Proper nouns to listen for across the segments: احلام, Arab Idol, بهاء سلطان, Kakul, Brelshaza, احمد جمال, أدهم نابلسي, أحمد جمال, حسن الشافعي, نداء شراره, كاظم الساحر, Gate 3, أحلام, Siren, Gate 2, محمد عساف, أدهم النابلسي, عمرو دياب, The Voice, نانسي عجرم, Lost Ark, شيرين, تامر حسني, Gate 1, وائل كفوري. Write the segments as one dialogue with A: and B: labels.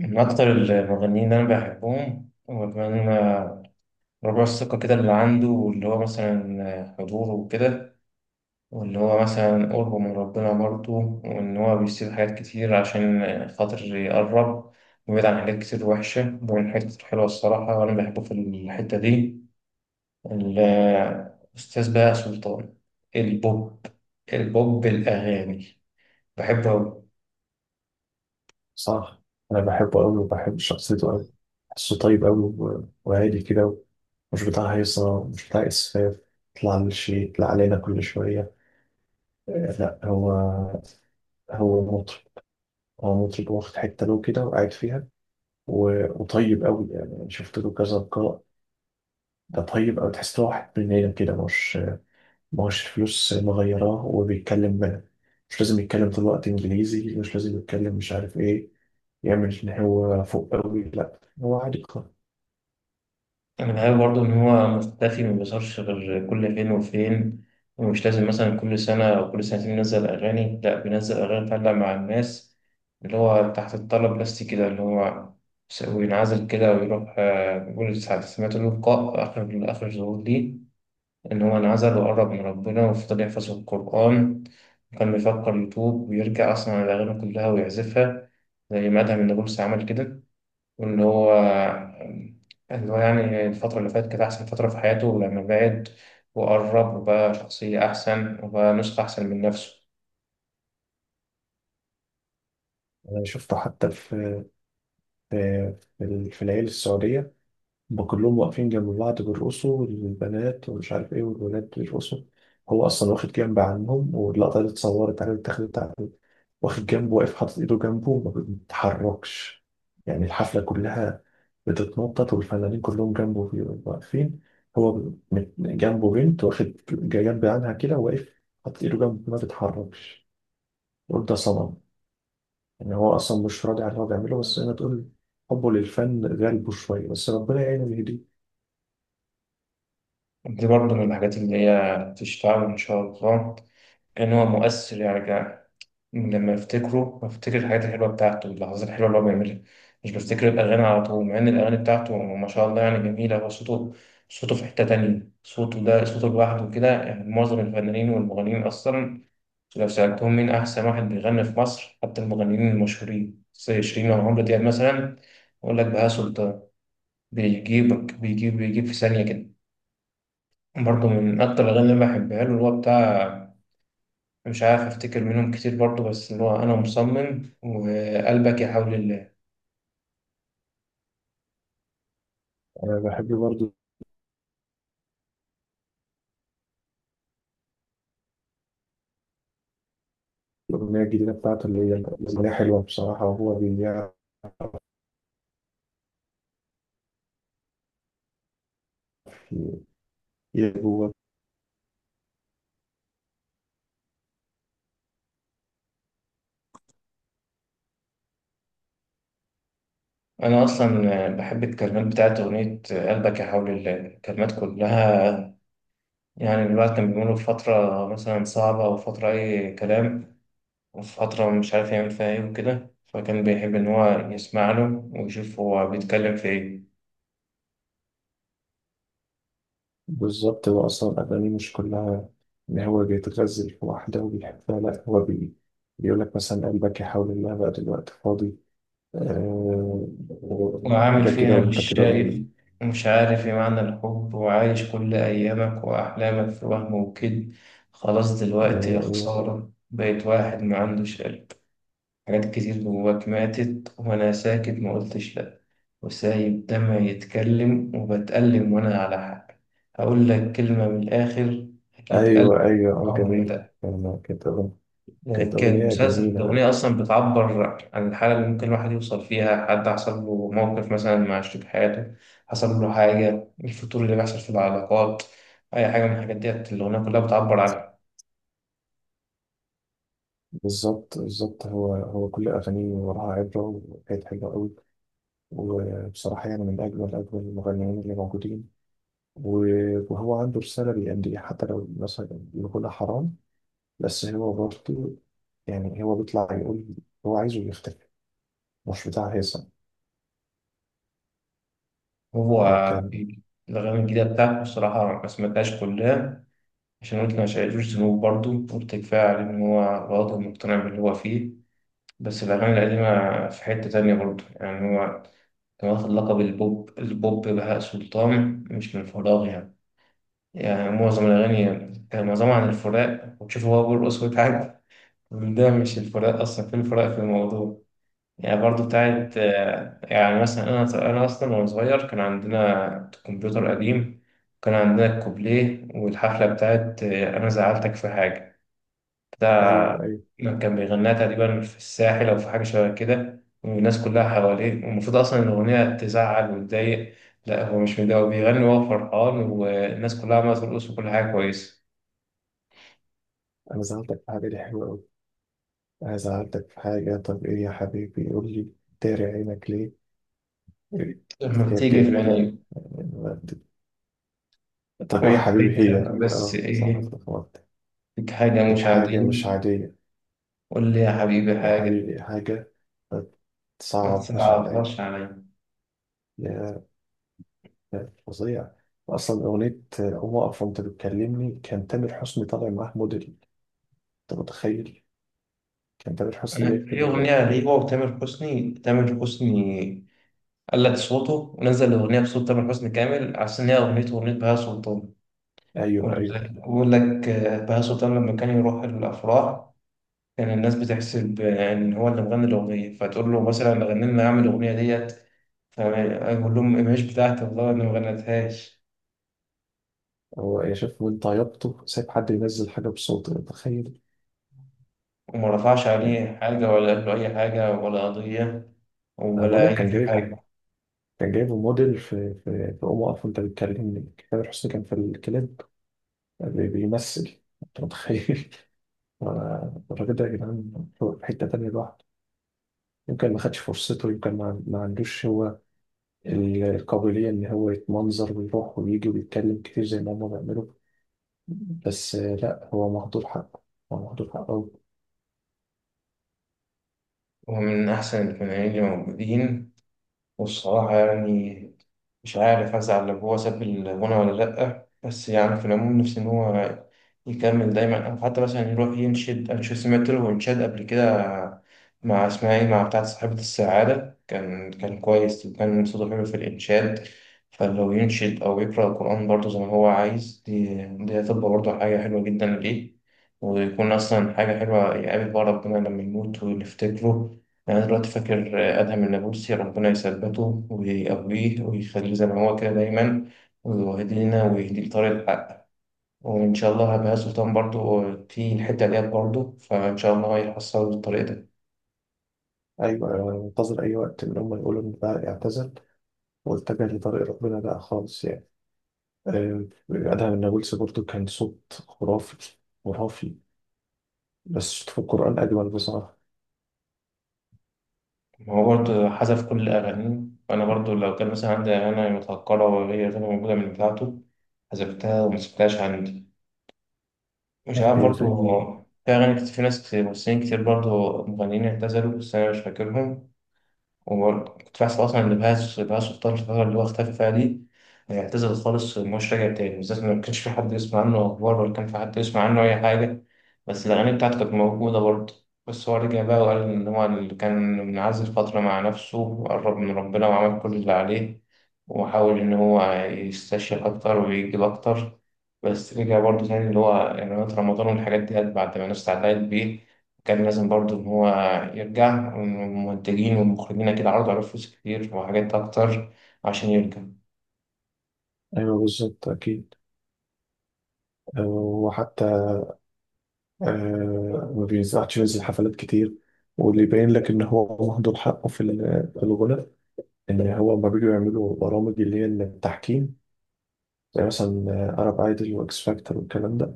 A: من أكتر المغنيين اللي أنا بحبهم هو كمان ربع الثقة كده اللي عنده، واللي هو مثلا حضوره وكده، واللي هو مثلا قربه من ربنا برضه، وإن هو بيسيب حاجات كتير عشان خاطر يقرب ويبعد عن حاجات كتير وحشة ومن حاجات كتير حلوة الصراحة، وأنا بحبه في الحتة دي. الأستاذ بقى سلطان البوب البوب الأغاني، بحبه أوي.
B: صح. انا بحبه قوي وبحب شخصيته قوي. بحسه طيب قوي وهادي كده. مش بتاع هيصه ومش بتاع اسفاف. يطلع للشيء يطلع علينا كل شويه. لا هو، هو مطرب. هو مطرب واخد حته له كده وقاعد فيها. وطيب قوي، يعني أنا شفت له كذا لقاء. ده طيب قوي، تحس إن هو واحد مننا كده. مش الفلوس مغيراه وبيتكلم بقى. مش لازم يتكلم طول الوقت انجليزي، مش لازم يتكلم مش عارف ايه، يعمل ان هو فوق قوي. لا هو عادي.
A: أنا بحب برضه إن هو مختفي ما بيظهرش غير كل فين وفين، ومش لازم مثلا كل سنة أو كل سنتين ينزل أغاني، لأ بينزل أغاني تعلق مع الناس، اللي هو تحت الطلب بس كده، اللي هو وينعزل كده ويروح. بيقول ساعة سمعت له لقاء، آخر آخر ظهور ليه إن هو انعزل وقرب من ربنا وفضل يحفظ القرآن، وكان بيفكر يتوب ويرجع أصلا على الأغاني كلها ويعزفها زي ما أدهم النابلسي عمل كده. وإن هو يعني الفترة اللي فاتت كانت أحسن فترة في حياته، ولما بعد وقرب، وبقى شخصية أحسن وبقى نسخة أحسن من نفسه.
B: أنا شفته حتى في العيال السعودية. هما كلهم واقفين جنب بعض بيرقصوا، البنات ومش عارف إيه والولاد بيرقصوا. هو أصلا واخد جنب عنهم، واللقطة اللي اتصورت عليه واتاخدت عليه، واخد جنبه واقف حاطط إيده جنبه ما بيتحركش. يعني الحفلة كلها بتتنطط والفنانين كلهم جنبه واقفين. هو جنبه بنت، واخد جنب عنها كده واقف حاطط إيده جنبه ما بيتحركش. قول ده صنم. ان هو اصلا مش راضي على اللي هو بيعمله، بس زي ما تقول حبه للفن غالبه شويه. بس ربنا يعينه ويهديه.
A: دي برضه من الحاجات اللي هي تشفعه إن شاء الله، إن هو مؤثر يعني. لما افتكره بفتكر الحاجات الحلوه بتاعته، اللحظات الحلوه اللي هو بيعملها، مش بفتكر الاغاني على طول، مع ان الاغاني بتاعته ما شاء الله يعني جميله. هو صوته، صوته في حته تانية، صوته ده صوته لوحده كده. يعني معظم الفنانين والمغنيين اصلا لو سألتهم مين أحسن واحد بيغني في مصر، حتى المغنيين المشهورين زي شيرين أو عمرو دياب مثلا، يقول لك بهاء سلطان. بيجيبك، بيجيب في ثانية كده. برضه من أكتر الأغاني اللي بحبها له، اللي هو بتاع، مش عارف أفتكر منهم كتير برضه، بس اللي هو أنا مصمم وقلبك يا حول الله.
B: انا بحب برضه الاغنيه الجديده بتاعته، اللي هي الاغنيه حلوه بصراحه، وهو بيعرف ي- يلعب هو.
A: أنا أصلا بحب الكلمات بتاعت أغنية قلبك يا حول الله، الكلمات كلها. يعني الواحد كان بيمر بفترة مثلا صعبة أو فترة أي كلام، في فترة مش عارف يعمل فيها إيه وكده، فكان بيحب إن هو يسمع له ويشوف هو بيتكلم في إيه،
B: بالظبط، هو اصلا اغانيه مش كلها ان هو بيتغزل في واحده وبيحبها. لا هو بيقول لك مثلا قلبك يحاول الله، بقى دلوقتي فاضي آه،
A: وعامل
B: حاجه كده،
A: فيها
B: وانت
A: مش
B: كده
A: شايف،
B: ضروري.
A: مش عارف إيه معنى الحب، وعايش كل أيامك وأحلامك في وهم وكد. خلاص دلوقتي يا
B: آه،
A: خسارة بقيت واحد ما عندوش قلب، حاجات كتير جواك ماتت وأنا ساكت ما قلتش لأ، وسايب دمعي يتكلم وبتألم وأنا على حق. هقول لك كلمة من الآخر، أكيد قلبي
B: ايوه ايوه
A: عمره
B: جميل.
A: ما
B: كانت كانت
A: كان.
B: اغنيه
A: مسلسل
B: جميله.
A: الأغنية أصلا بتعبر عن الحالة اللي ممكن الواحد يوصل فيها، حد حصل له موقف مثلا مع شريك حياته، حصل له حاجة، الفتور اللي بيحصل في العلاقات، أي حاجة من الحاجات ديت الأغنية كلها بتعبر عنها.
B: بالظبط بالظبط، هو كل أغانيه وراها عبرة وحاجات حلوة أوي. وبصراحة يعني من أجمل أجمل المغنيين اللي موجودين. وهو عنده رسالة بيأديها، حتى لو مثلا يقولها حرام. بس هو برضه يعني هو بيطلع يقول. هو عايزه يختفي، مش بتاع هيثم.
A: هو
B: كان
A: في الأغاني الجديدة بتاعته الصراحة ما سمعتهاش كلها، عشان قلت ما شايفوش ذنوب برضه، قلت كفاية عليه إن هو برضه مقتنع باللي هو فيه. بس الأغاني القديمة في حتة تانية برضه يعني. هو كان واخد لقب البوب بهاء سلطان مش من فراغ يعني. يعني معظم الأغاني كان معظمها عن الفراق، وتشوفه هو بيرقص ويتعب، ده مش الفراق أصلا في الفراق في الموضوع. يعني برضو
B: آه،
A: بتاعت، يعني مثلا أنا أصلا وأنا صغير كان عندنا كمبيوتر قديم، كان عندنا الكوبليه والحفلة بتاعت أنا زعلتك في حاجة. ده
B: أيوه أيوه.
A: كان بيغنيها تقريبا في الساحل أو في حاجة شبه كده، والناس كلها حواليه، والمفروض أصلا إن الأغنية تزعل وتضايق، لا هو مش متضايق، هو بيغني وهو فرحان، والناس كلها عمالة ترقص، وكل حاجة كويسة.
B: أنا زعلتك في حاجة دي حلوة أوي. أنا زعلتك في حاجة، طب إيه يا حبيبي يقول لي. داري عينك ليه،
A: لما
B: كانت
A: بتيجي في
B: جميلة.
A: عيني
B: طب ايه يا حبيبي هي
A: وحبيتك بس
B: اه صح
A: إيه،
B: اتلخبطت.
A: فيك حاجة
B: هيك
A: مش
B: حاجة
A: عادية،
B: مش عادية.
A: قول لي يا حبيبي
B: إيه يا
A: حاجة،
B: حبيبي إيه حاجة.
A: ما
B: صعب مش عليا.
A: تصعبهاش عليا.
B: يا يا فظيع. أصلا أغنية قوم أقف وأنت بتكلمني، كان تامر حسني طالع معاه موديل، أنت متخيل؟ كان تامر حسني جاي
A: في أغنية غريبة، وتامر حسني، تامر حسني قلد صوته ونزل الأغنية بصوت تامر حسني كامل، عشان هي أغنيته وأغنية بهاء سلطان.
B: أيوه
A: بقول
B: أيوه.
A: لك بقول لك، آه، بهاء سلطان لما كان يروح الأفراح، كان الناس بتحسب إن هو اللي مغني الأغنية، فتقول له مثلا غني لنا، أعمل الأغنية ديت، فيقول لهم مش بتاعتي والله، أنا ما غنيتهاش،
B: هو يا شيخ من طيبته سايب حد ينزل حاجة بصوته، أنت متخيل؟
A: وما رفعش
B: يعني
A: عليه حاجة، ولا قال له أي حاجة ولا قضية
B: أنا بقول
A: ولا
B: لك
A: أي
B: كان جايبه،
A: حاجة.
B: كان جايبه موديل في في قوم أقف وأنت بتكلمني. تامر حسني كان في الكليب بيمثل، أنت متخيل؟ الراجل ده يا جدعان هو في حتة تانية لوحده. يمكن ما خدش فرصته، يمكن ما عندوش هو القابلية إن هو يتمنظر ويروح ويجي ويتكلم كتير زي ما هما بيعملوا. بس لا هو مهدور حقه. هو مهدور حقه أوي.
A: وهو من أحسن الثنائيين اللي موجودين، والصراحة يعني مش عارف هزعل لو هو ساب الغنى ولا لأ، بس يعني في العموم نفسي إن هو يكمل دايما، أو حتى مثلا يروح ينشد. أنا شو سمعت له إنشاد قبل كده، مع اسمها إيه، مع بتاعة صاحبة السعادة، كان كويس وكان صوته حلو في الإنشاد. فلو ينشد أو يقرأ القرآن برضه زي ما هو عايز، دي هتبقى برضه حاجة حلوة جدا ليه، ويكون أصلا حاجة حلوة، يقابل بقى ربنا لما يموت ونفتكره. يعني أنا دلوقتي فاكر أدهم النابلسي، ربنا يثبته ويقويه ويخليه زي ما هو كده دايما، ويهدي لنا ويهدي لطريق الحق، وإن شاء الله هبقى سلطان برضه في الحتة ديت برضه، فإن شاء الله هيحصل الطريق ده.
B: أيوة أنا منتظر أي وقت إن هما يقولوا إن ده اعتزل واتجه لطريق ربنا بقى خالص يعني. أدهم نابلسي برضه كان صوت خرافي خرافي. بس صوته في القرآن أجمل بصراحة.
A: هو برضه حذف كل أغانيه، وأنا برضه لو كان مثلا عندي أغاني متهكرة وهي غير موجودة من بتاعته، حذفتها ومسكتهاش عندي. مش
B: كان
A: عارف برضه،
B: بيغني.
A: هو في أغاني كتير، في ناس كتير، ممثلين كتير برضه، مغنيين اعتزلوا بس أنا مش فاكرهم. وكنت بحسب أصلا إن بهاز سلطان في الفترة اللي هو اختفى فيها دي اعتزل خالص ومش راجع تاني، بالذات إن ما كانش في حد يسمع عنه أخبار، ولا كان في حد يسمع عنه أي حاجة، بس الأغاني بتاعته كانت موجودة برضه. بس هو رجع بقى وقال إن هو اللي كان منعزل فترة مع نفسه وقرب من ربنا وعمل كل اللي عليه، وحاول إن هو يستشيخ أكتر ويجيب أكتر. بس رجع برضه تاني، اللي هو إعلانات رمضان والحاجات دي، بعد ما الناس اتعلقت بيه كان لازم برضو إن هو يرجع، والمنتجين والمخرجين أكيد عرضوا عليه فلوس كتير وحاجات أكتر عشان يرجع.
B: أيوة بالظبط أكيد. وحتى ما بينزعش ينزل حفلات كتير. واللي يبين لك ان هو مهدور حقه في الغنى، ان هو لما بيجوا يعملوا برامج اللي هي التحكيم، زي مثلا ارب ايدل واكس فاكتور والكلام ده،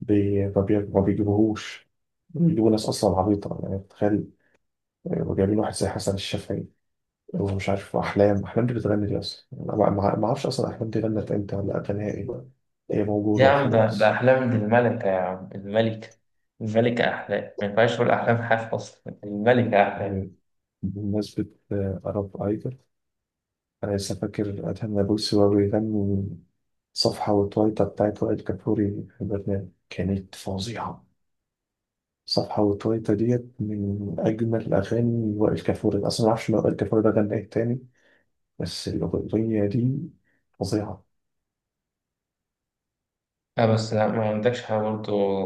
B: ما بيجيبوهوش. بيجيبوا ناس اصلا عبيطه، يعني تخيل. جايبين واحد زي حسن الشافعي ومش عارف احلام، احلام دي بتغني؟ دي اصلا أنا ما اعرفش اصلا احلام دي غنت امتى ولا اغانيها ايه. هي موجوده
A: يا عم ده
B: وخلاص.
A: أحلام الملكة، يا عم الملكة، الملكة أحلام، ما ينفعش تقول أحلام حاف، أصلا الملكة أحلام.
B: بمناسبه ارب ايدل، أنا لسه فاكر أدهم نابلسي وهو بيغني صفحة وتويتا بتاعت وائل كفوري في البرنامج، كانت فظيعة. صفحة وتويتا ديت من أجمل أغاني وائل كفوري أصلا، معرفش لو وائل كفوري ده غنى إيه تاني، بس الأغنية دي فظيعة.
A: لا بس لا، ما عندكش حاجة برضو.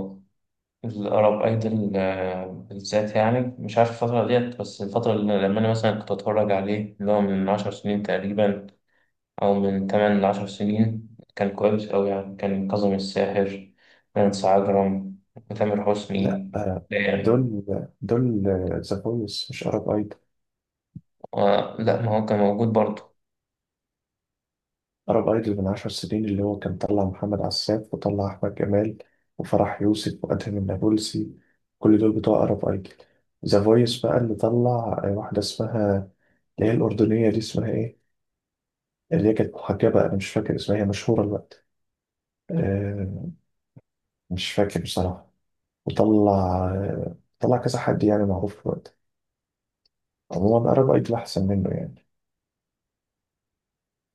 A: الأرب أيدل بالذات يعني مش عارف الفترة ديت، بس الفترة اللي لما أنا مثلا كنت أتفرج عليه، اللي هو من عشر سنين تقريبا أو من تمن لعشر سنين، كان كويس أوي يعني. كان كاظم الساحر، نانسي عجرم، وتامر
B: لأ
A: حسني يعني.
B: دول دول ذا فويس مش أرب أيدول.
A: و- لا ما هو كان موجود برضه.
B: عرب ايدول من 10 سنين، اللي هو كان طلع محمد عساف وطلع احمد جمال وفرح يوسف وادهم النابلسي، كل دول بتوع عرب ايدول. ذا فويس بقى اللي طلع واحده اسمها، اللي هي الاردنيه دي اسمها ايه؟ اللي هي كانت محجبه، انا مش فاكر اسمها، هي مشهوره الوقت. آه، مش فاكر بصراحه. وطلع طلع كذا حد يعني معروف الوقت. عموما عرب ايدول احسن منه يعني.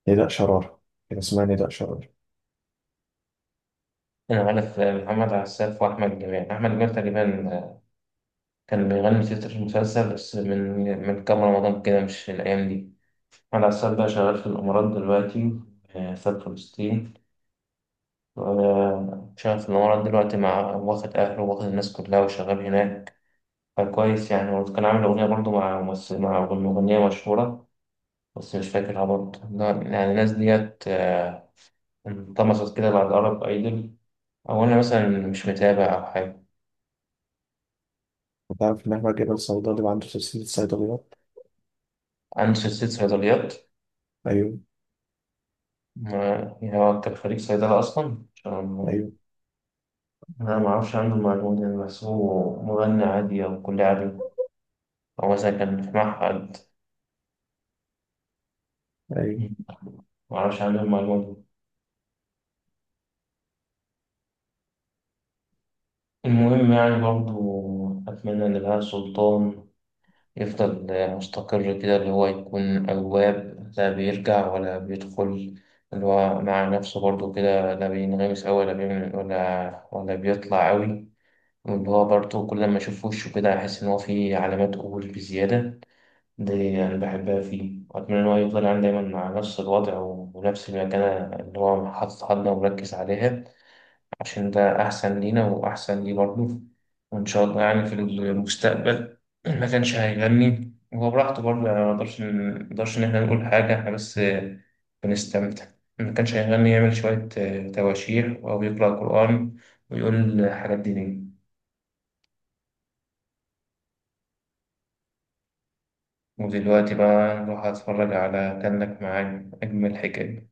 B: نداء شراره، كان اسمها نداء شراره.
A: أنا عارف محمد عساف وأحمد جمال. أحمد جمال تقريبا كان بيغني تتر المسلسل بس، من كام رمضان كده مش الأيام دي. محمد عساف بقى شغال في الإمارات دلوقتي، في فلسطين، شغال في الإمارات دلوقتي، مع واخد أهله، واخد الناس كلها وشغال هناك، فكويس يعني. وكان عامل أغنية برضه مع ممثل، مع مغنية مشهورة، بس مش فاكرها برضه. لا، يعني الناس ديت انطمست كده بعد أرب أيدل، أو أنا مثلا مش متابع أو حاجة.
B: وتعرف ان احمد جمال صيدلي وعنده سلسله صيدليات؟
A: عندي سلسلة صيدليات،
B: ايوه
A: يعني هو كان خريج صيدلة أصلا، عشان
B: ايوه
A: أنا ما أعرفش عنه المعلومة دي، أنا بحسبه مغني عادي أو كلية عادي، أو مثلا كان في معهد،
B: أيوه
A: ما أعرفش عنه المعلومة دي. المهم يعني برضه أتمنى إن بهاء سلطان يفضل مستقر كده، اللي هو يكون أواب، لا بيرجع ولا بيدخل، اللي هو مع نفسه برضه كده، لا بينغمس أوي ولا بيعمل ولا بيطلع أوي، واللي هو برضه كل ما أشوف وشه كده أحس إن هو فيه علامات قبول بزيادة. دي أنا بحبها فيه، وأتمنى إن هو يفضل يعني دايما مع نفس الوضع ونفس المكانة اللي هو حاططها لنا ومركز عليها. عشان ده أحسن لينا وأحسن ليه برضه. وإن شاء الله يعني في المستقبل ما كانش هيغني هو براحته برضه، يعني ما نقدرش إن إحنا نقول حاجة، إحنا بس بنستمتع. ما كانش هيغني يعمل شوية تواشيح، أو يقرأ قرآن ويقول حاجات دينية. ودلوقتي بقى نروح أتفرج على كأنك معايا، أجمل حكاية.